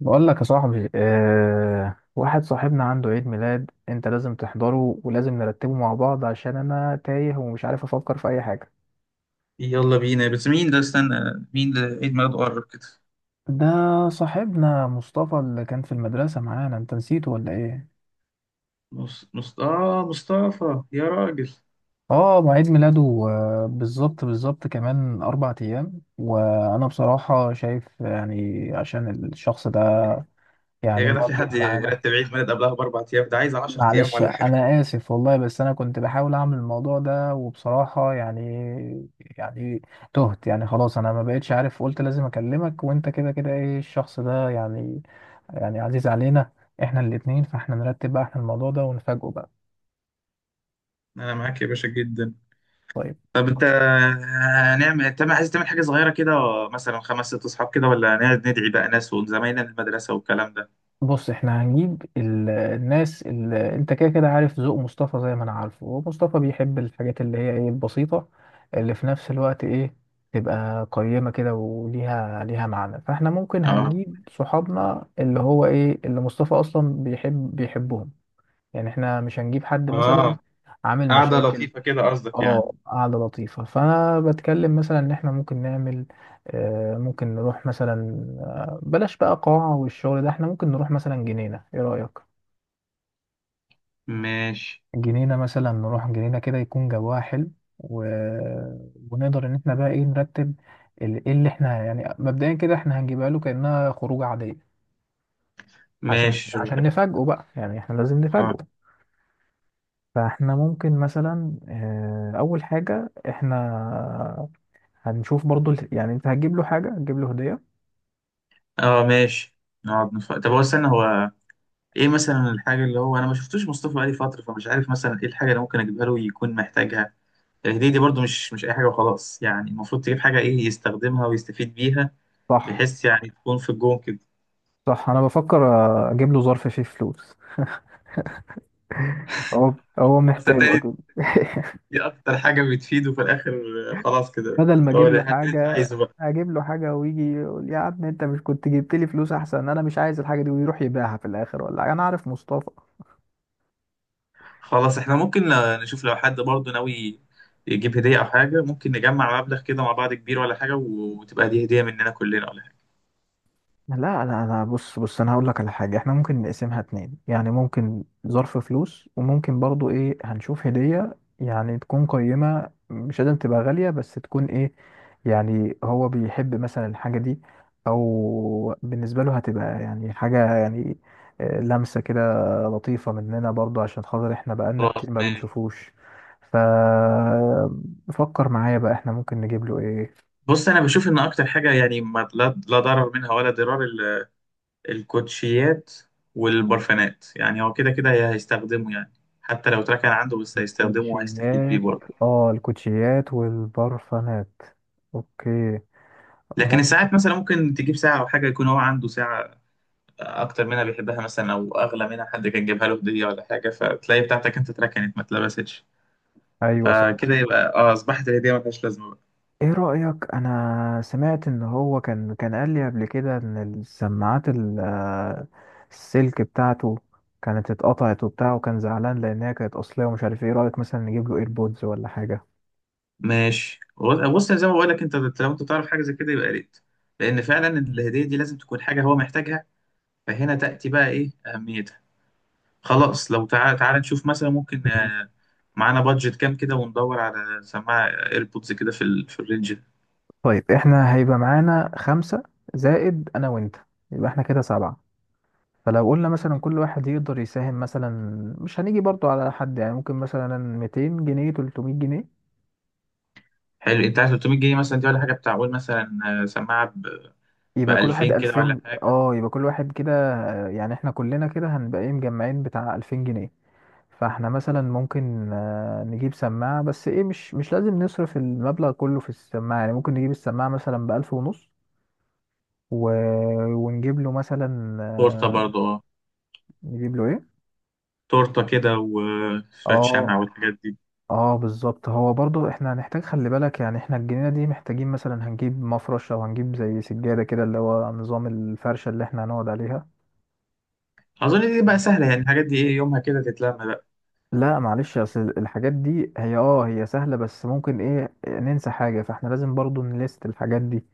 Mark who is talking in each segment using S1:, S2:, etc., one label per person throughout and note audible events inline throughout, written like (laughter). S1: بقول لك يا صاحبي، واحد صاحبنا عنده عيد ميلاد. انت لازم تحضره ولازم نرتبه مع بعض عشان انا تايه ومش عارف افكر في اي حاجة.
S2: يلا بينا، بس مين ده؟ استنى، مين ده عيد ميلاده قرب كده؟
S1: ده صاحبنا مصطفى اللي كان في المدرسة معانا، انت نسيته ولا ايه؟
S2: مص... مص... آه مصطفى يا راجل.
S1: اه، ما عيد ميلاده بالظبط بالظبط كمان 4 ايام، وانا بصراحة شايف يعني عشان الشخص ده يعني
S2: يا جدع، في
S1: مواجب
S2: حد
S1: معانا.
S2: يرتب عيد ميلاد قبلها ب 4 أيام؟ ده عايز 10 أيام
S1: معلش
S2: ولا حاجة.
S1: انا اسف والله، بس انا كنت بحاول اعمل الموضوع ده وبصراحة يعني يعني تهت يعني، خلاص انا ما بقتش عارف. قلت لازم اكلمك، وانت كده كده ايه، الشخص ده يعني عزيز علينا احنا الاتنين، فاحنا نرتب بقى احنا الموضوع ده ونفاجئه بقى.
S2: أنا معاك يا باشا جدا.
S1: طيب
S2: طب أنت، هنعمل، أنت عايز تعمل حاجة صغيرة كده؟ مثلا خمس ست أصحاب كده، ولا هنقعد ندعي بقى ناس وزمايلنا من المدرسة والكلام ده؟
S1: بص، احنا هنجيب الناس اللي انت كده كده عارف ذوق مصطفى زي ما انا عارفه، ومصطفى بيحب الحاجات اللي هي ايه، البسيطة اللي في نفس الوقت ايه، تبقى قيمة كده وليها معنى. فاحنا ممكن
S2: آه.
S1: هنجيب صحابنا اللي هو ايه، اللي مصطفى اصلا بيحب بيحبهم. يعني احنا مش هنجيب حد مثلا
S2: آه.
S1: عامل
S2: قعدة
S1: مشاكل.
S2: لطيفة كده قصدك يعني؟
S1: اه، قعدة لطيفة، فأنا بتكلم مثلا إن إحنا ممكن نعمل ممكن نروح مثلا بلاش بقى قاعة والشغل ده، إحنا ممكن نروح مثلا جنينة، إيه رأيك؟
S2: ماشي.
S1: جنينة مثلا، نروح جنينة كده يكون جواها حلو، و... ونقدر إن إحنا بقى إيه نرتب إيه اللي إحنا يعني مبدئيا كده إحنا هنجيبها له كأنها خروجة عادية. عشان
S2: ماشي شغال.
S1: نفاجئه بقى، يعني إحنا لازم نفاجئه.
S2: آه.
S1: فإحنا ممكن مثلا أول حاجة إحنا هنشوف برضو يعني انت هتجيب له حاجة، هتجيب له هدية.
S2: آه. ماشي. طب هو، استنى. هو ايه مثلا الحاجه اللي هو، انا ما شفتوش مصطفى بقالي فتره، فمش عارف مثلا ايه الحاجه اللي ممكن اجيبها له يكون محتاجها. الهديه دي برضو مش اي حاجه وخلاص يعني، المفروض تجيب حاجه ايه يستخدمها ويستفيد بيها.
S1: صح،
S2: بحيث يعني تكون في الجون كده.
S1: صح انا بفكر اجيب له ظرف فيه فلوس، هو
S2: بس
S1: محتاجه
S2: تاني،
S1: اكيد. (laughs)
S2: دي اكتر حاجه بتفيده في الاخر. خلاص كده،
S1: بدل ما
S2: اللي هو
S1: اجيب له
S2: الحاجه اللي انت
S1: حاجة،
S2: عايزه بقى.
S1: اجيب له حاجة ويجي يقول يا عم انت مش كنت جبت لي فلوس احسن، انا مش عايز الحاجة دي ويروح يبيعها في الاخر ولا حاجة، انا عارف مصطفى.
S2: خلاص، احنا ممكن نشوف لو حد برضو ناوي يجيب هديه او حاجه، ممكن نجمع مبلغ كده مع بعض كبير ولا حاجه، وتبقى دي هديه مننا كلنا ولا حاجه.
S1: لا لا لا، بص انا هقول لك على حاجه، احنا ممكن نقسمها اتنين، يعني ممكن ظرف فلوس وممكن برضو ايه، هنشوف هديه يعني تكون قيمه، مش لازم تبقى غاليه بس تكون ايه يعني، هو بيحب مثلا الحاجه دي، او بالنسبه له هتبقى يعني حاجه يعني لمسه كده لطيفه مننا برضو عشان خاطر احنا بقالنا
S2: خلاص.
S1: كتير ما بنشوفوش. ف فكر معايا بقى، احنا ممكن نجيب له ايه؟
S2: بص، انا بشوف ان اكتر حاجه يعني ما لا ضرر منها ولا ضرار الكوتشيات والبرفانات، يعني هو كده كده هيستخدمه يعني. حتى لو اتركن عنده بس هيستخدمه وهيستفيد بيه
S1: الكوتشيات.
S2: برضه.
S1: اه، الكوتشيات والبرفانات. اوكي،
S2: لكن
S1: ممكن.
S2: الساعات مثلا، ممكن تجيب ساعه او حاجه يكون هو عنده ساعه اكتر منها بيحبها مثلا، او اغلى منها حد كان جايبها له هديه ولا حاجه، فتلاقي بتاعتك انت اتركنت ما اتلبستش.
S1: ايوه صح.
S2: فكده يبقى اه اصبحت الهديه ما فيهاش لازمه بقى.
S1: ايه رأيك، انا سمعت ان هو كان قال لي قبل كده ان السماعات السلك بتاعته كانت اتقطعت وبتاع، وكان زعلان لانها كانت اصلية ومش عارف ايه، إيه رأيك مثلا نجيب له ايربودز ولا حاجة؟
S2: ماشي. بص، زي ما بقول لك، انت لو انت تعرف حاجه زي كده يبقى يا ريت، لان فعلا الهديه دي لازم تكون حاجه هو محتاجها. فهنا تأتي بقى إيه أهميتها. خلاص، لو تعالى تعالى نشوف مثلا ممكن
S1: مهم.
S2: معانا بادجت كام كده وندور على سماعة ايربودز كده في الرينج ده.
S1: طيب احنا هيبقى معانا 5 زائد انا وانت، يبقى احنا كده 7. فلو قلنا مثلا كل واحد يقدر يساهم مثلا، مش هنيجي برضو على حد يعني، ممكن مثلا 200 جنيه 300 جنيه،
S2: حلو. أنت عايز 300 جنيه مثلا دي ولا حاجة بتاع؟ قول مثلا سماعة ب
S1: يبقى كل واحد
S2: 2000 كده ولا
S1: 2000.
S2: حاجة.
S1: اه يبقى كل واحد كده يعني احنا كلنا كده هنبقى ايه، مجمعين بتاع 2000 جنيه. فاحنا مثلا ممكن نجيب سماعة، بس ايه مش لازم نصرف المبلغ كله في السماعة، يعني ممكن نجيب السماعة مثلا بألف ونص، و... ونجيب له مثلا
S2: تورتة برضه أه.
S1: نجيب له ايه.
S2: تورتة كده وشوية
S1: اه
S2: شمع والحاجات دي.
S1: اه بالظبط، هو برضو احنا هنحتاج، خلي بالك يعني احنا الجنينة دي محتاجين مثلا هنجيب مفرش او هنجيب زي سجادة كده، اللي هو نظام الفرشة اللي احنا هنقعد عليها.
S2: أظن دي بقى
S1: ماشي.
S2: سهلة يعني، الحاجات دي إيه يومها كده تتلم بقى.
S1: لا معلش، اصل الحاجات دي هي اه هي سهلة بس ممكن ايه، ننسى حاجة، فاحنا لازم برضو نليست الحاجات دي.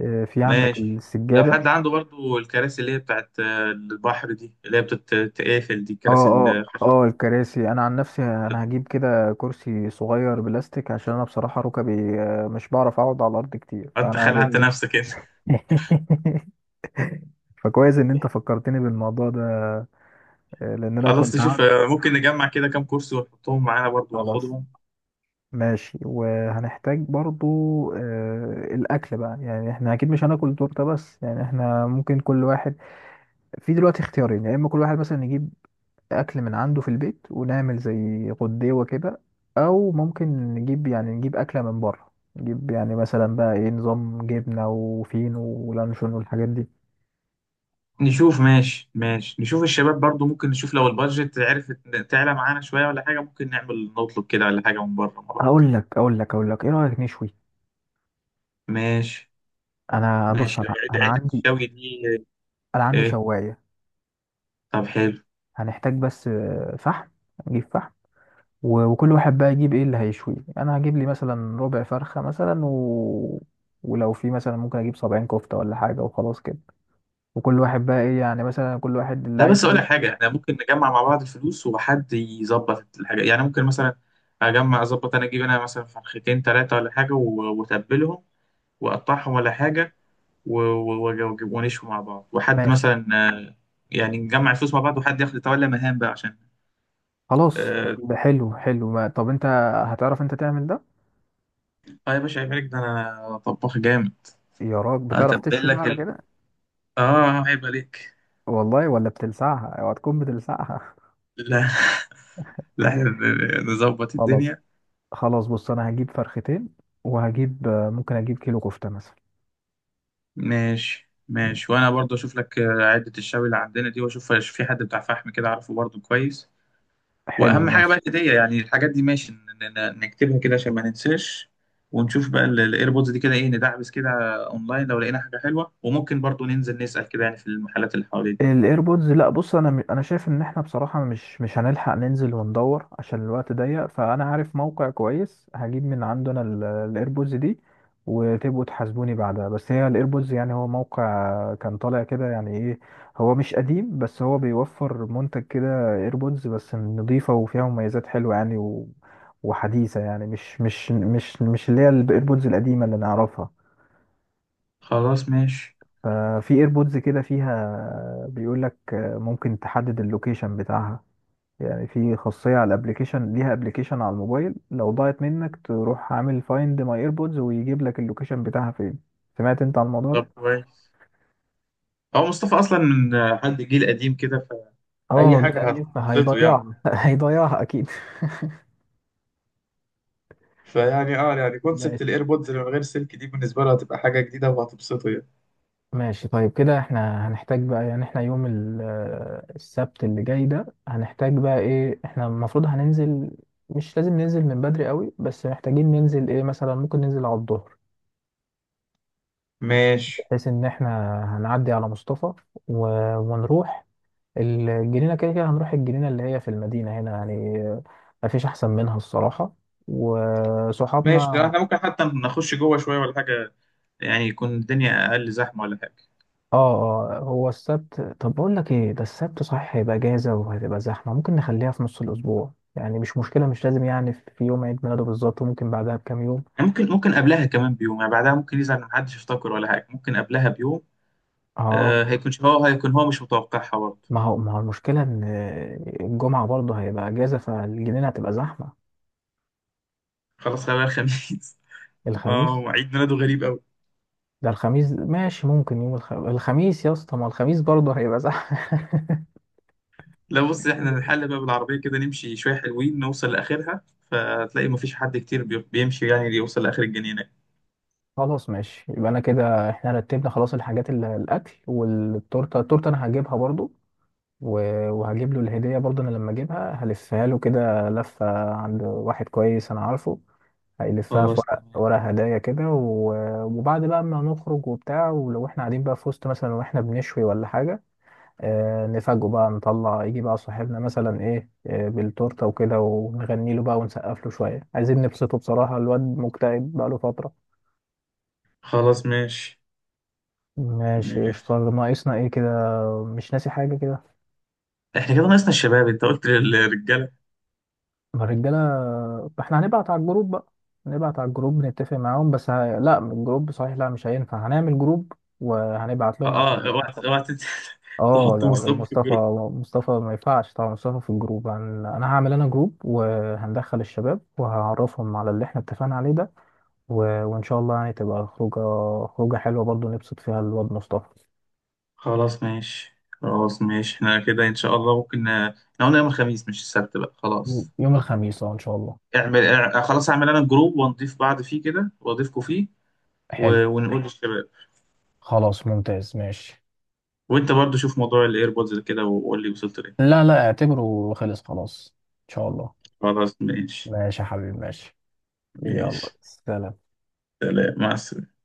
S1: في عندك
S2: ماشي. لو
S1: السجادة.
S2: حد عنده برضه الكراسي اللي هي بتاعت البحر دي اللي هي بتتقافل دي،
S1: اه
S2: الكراسي
S1: اه
S2: اللي،
S1: اه، الكراسي، انا عن نفسي انا هجيب كده كرسي صغير بلاستيك عشان انا بصراحة ركبي مش بعرف اقعد على الارض كتير،
S2: انت
S1: فانا هجيب
S2: خلعت
S1: لي.
S2: نفسك انت.
S1: (laughs) فكويس ان انت فكرتني بالموضوع ده، لان انا
S2: خلاص،
S1: كنت هقعد.
S2: نشوف ممكن نجمع كده كام كرسي ونحطهم معانا برضو
S1: خلاص
S2: ناخدهم.
S1: ماشي. وهنحتاج برضو الاكل بقى، يعني احنا اكيد مش هناكل تورته بس، يعني احنا ممكن كل واحد في دلوقتي اختيارين، يا اما كل واحد مثلا يجيب اكل من عنده في البيت ونعمل زي غديوه كده، او ممكن نجيب يعني نجيب اكله من بره، نجيب يعني مثلا بقى ايه، نظام جبنه وفينو ولانشون والحاجات دي.
S2: نشوف. ماشي. ماشي نشوف الشباب برضو، ممكن نشوف لو البادجت عرفت تعلى معانا شوية ولا حاجة، ممكن نعمل نطلب كده ولا حاجة من بره مع بعض.
S1: اقول لك ايه رايك نشوي؟
S2: ماشي.
S1: انا بص،
S2: ماشي
S1: انا
S2: عدة
S1: عندي،
S2: الشوي دي
S1: انا عندي
S2: ايه؟
S1: شوايه.
S2: طب حلو.
S1: هنحتاج بس فحم، نجيب فحم، وكل واحد بقى يجيب ايه اللي هيشويه، انا هجيب لي مثلا ربع فرخه مثلا ولو في مثلا ممكن اجيب 70 كفته ولا حاجه، وخلاص كده، وكل واحد بقى ايه يعني، مثلا كل واحد اللي
S2: لا،
S1: عايز
S2: بس اقول لك
S1: يشوي.
S2: حاجة، احنا ممكن نجمع مع بعض الفلوس وحد يظبط الحاجة يعني، ممكن مثلا اجمع اظبط انا، اجيب انا مثلا فرختين ثلاثة ولا حاجة واتبلهم واقطعهم ولا حاجة ونشوي مع بعض، وحد
S1: ماشي.
S2: مثلا يعني نجمع الفلوس مع بعض، وحد ياخد يتولى مهام بقى عشان.
S1: خلاص
S2: اه.
S1: ده حلو حلو، ما... طب انت هتعرف انت تعمل ده؟
S2: آه يا باشا عيب عليك، ده انا طباخ جامد.
S1: يا راجل، بتعرف
S2: هتبين
S1: تشوي بقى
S2: لك
S1: على
S2: ال...
S1: كده؟
S2: اه عيب عليك.
S1: والله، ولا بتلسعها؟ اوعى تكون بتلسعها.
S2: لا، (laughs) لا، إحنا نظبط
S1: (laughs) خلاص،
S2: الدنيا.
S1: خلاص بص، انا هجيب فرختين وهجيب ممكن اجيب كيلو كفته مثلا.
S2: ماشي. ماشي، وانا برضو اشوف لك عدة الشوي اللي عندنا دي واشوف في حد بتاع فحم كده عارفه برضو كويس.
S1: حلو
S2: واهم حاجه
S1: ماشي.
S2: بقى الهديه، يعني الحاجات دي ماشي نكتبها كده عشان ما ننساش. ونشوف بقى الايربودز دي كده ايه، ندعبس كده اونلاين لو لقينا حاجه حلوه، وممكن برضو ننزل نسال كده يعني في المحلات اللي حوالينا.
S1: الايربودز، لا بص، انا انا شايف ان احنا بصراحه مش هنلحق ننزل وندور عشان الوقت ضيق، فانا عارف موقع كويس هجيب من عندنا الايربودز دي، وتبقوا تحاسبوني بعدها. بس هي الايربودز يعني هو موقع كان طالع كده يعني ايه، هو مش قديم بس هو بيوفر منتج كده ايربودز بس نظيفه، وفيها مميزات حلوه يعني وحديثه، يعني مش اللي هي الايربودز القديمه اللي نعرفها.
S2: خلاص. ماشي.
S1: ففي ايربودز كده فيها، بيقول لك ممكن تحدد اللوكيشن بتاعها، يعني في خاصية على الابليكيشن، ليها ابليكيشن على الموبايل، لو ضاعت منك تروح عامل فايند ماي ايربودز ويجيب لك اللوكيشن بتاعها فين. سمعت انت عن الموضوع
S2: طب
S1: ده؟
S2: كويس. هو مصطفى اصلا من حد جيل قديم كده، فاي
S1: اه جيل
S2: حاجه
S1: قديم،
S2: هتبسطه يعني.
S1: فهيضيعها. (laughs) هيضيعها اكيد.
S2: فيعني اه يعني كونسبت
S1: (laughs)
S2: الايربودز اللي من غير سلك دي بالنسبه له هتبقى حاجه جديده وهتبسطه يعني.
S1: ماشي طيب، كده احنا هنحتاج بقى يعني، احنا يوم السبت اللي جاي ده هنحتاج بقى ايه احنا المفروض هننزل، مش لازم ننزل من بدري قوي بس محتاجين ننزل ايه، مثلا ممكن ننزل على الظهر،
S2: ماشي.
S1: بحيث ان احنا هنعدي على مصطفى، و... ونروح الجنينة، كده كده هنروح الجنينة اللي هي في المدينة هنا يعني، مفيش احسن منها الصراحة
S2: ماشي، ده
S1: وصحابنا.
S2: احنا ممكن حتى نخش جوه شويه ولا حاجه، يعني يكون الدنيا اقل زحمه ولا حاجه.
S1: اه اه، هو السبت، طب بقول لك ايه، ده السبت صحيح هيبقى اجازه وهتبقى زحمه، ممكن نخليها في نص الاسبوع يعني، مش مشكله، مش لازم يعني في يوم عيد ميلاده بالظبط، وممكن بعدها بكام يوم.
S2: يعني ممكن قبلها كمان بيوم يعني، بعدها ممكن يزعل ان محدش يفتكر ولا حاجه، ممكن قبلها بيوم.
S1: اه،
S2: آه، هيكون هو مش متوقعها برضه.
S1: ما هو المشكله ان الجمعه برضه هيبقى اجازه فالجنينه هتبقى زحمه.
S2: خلاص، خلال الخميس. (laughs) اه
S1: الخميس،
S2: عيد ميلاده غريب قوي.
S1: ده الخميس ماشي، ممكن يوم الخميس يا اسطى، ما الخميس برضه هيبقى زحمه.
S2: لا، بص احنا نحل بقى
S1: (laughs)
S2: بالعربيه كده، نمشي شويه حلوين نوصل لاخرها. فتلاقي مفيش حد كتير بيمشي يعني يوصل لاخر الجنينه.
S1: خلاص ماشي، يبقى انا كده احنا رتبنا خلاص الحاجات، اللي الاكل والتورته، التورته انا هجيبها برضو، وهجيب له الهدية برضه. أنا لما أجيبها هلفها له كده لفة عند واحد كويس أنا عارفه، هيلفها في
S2: خلاص
S1: ورق،
S2: تمام.
S1: ورق هدايا كده، وبعد بقى ما نخرج وبتاع، ولو احنا قاعدين بقى في وسط مثلا واحنا بنشوي ولا حاجة، آه نفاجئه بقى نطلع يجي بقى صاحبنا مثلا ايه آه بالتورتة وكده، ونغني له بقى ونسقف له شوية، عايزين نبسطه بصراحة، الواد مكتئب بقى له فترة.
S2: خلاص ماشي.
S1: ماشي
S2: ماشي.
S1: قشطة، ناقصنا ايه كده؟ مش ناسي حاجة كده؟
S2: احنا كده ناقصنا الشباب، انت قلت للرجاله؟
S1: ما الرجاله، احنا هنبعت على الجروب بقى، هنبعت على الجروب نتفق معاهم. بس لا، من الجروب صحيح لا مش هينفع، هنعمل جروب وهنبعت
S2: اه.
S1: لهم عشان
S2: اوعى
S1: مصطفى.
S2: اوعى تنسى (laughs)
S1: اه
S2: تحطوا
S1: لا لا،
S2: مصطفى في
S1: مصطفى،
S2: الجروب.
S1: ما ينفعش طبعا مصطفى في الجروب، انا هعمل انا جروب وهندخل الشباب وهعرفهم على اللي احنا اتفقنا عليه ده، و... وان شاء الله يعني تبقى خروجه، خروجه حلوه برضو نبسط فيها الواد مصطفى.
S2: خلاص ماشي. خلاص ماشي، احنا كده ان شاء الله ممكن احنا قلنا يوم الخميس مش السبت بقى خلاص.
S1: يوم الخميس اه ان شاء الله.
S2: اعمل خلاص اعمل انا جروب، ونضيف بعض فيه كده واضيفكم فيه.
S1: حلو
S2: ونقول للشباب.
S1: خلاص ممتاز ماشي.
S2: وانت برضو شوف موضوع الايربودز كده وقول لي وصلت ليه.
S1: لا لا، اعتبره خلص خلاص، ان شاء الله.
S2: خلاص ماشي.
S1: ماشي يا حبيبي ماشي. يلا
S2: ماشي.
S1: سلام.
S2: سلام، مع السلامة.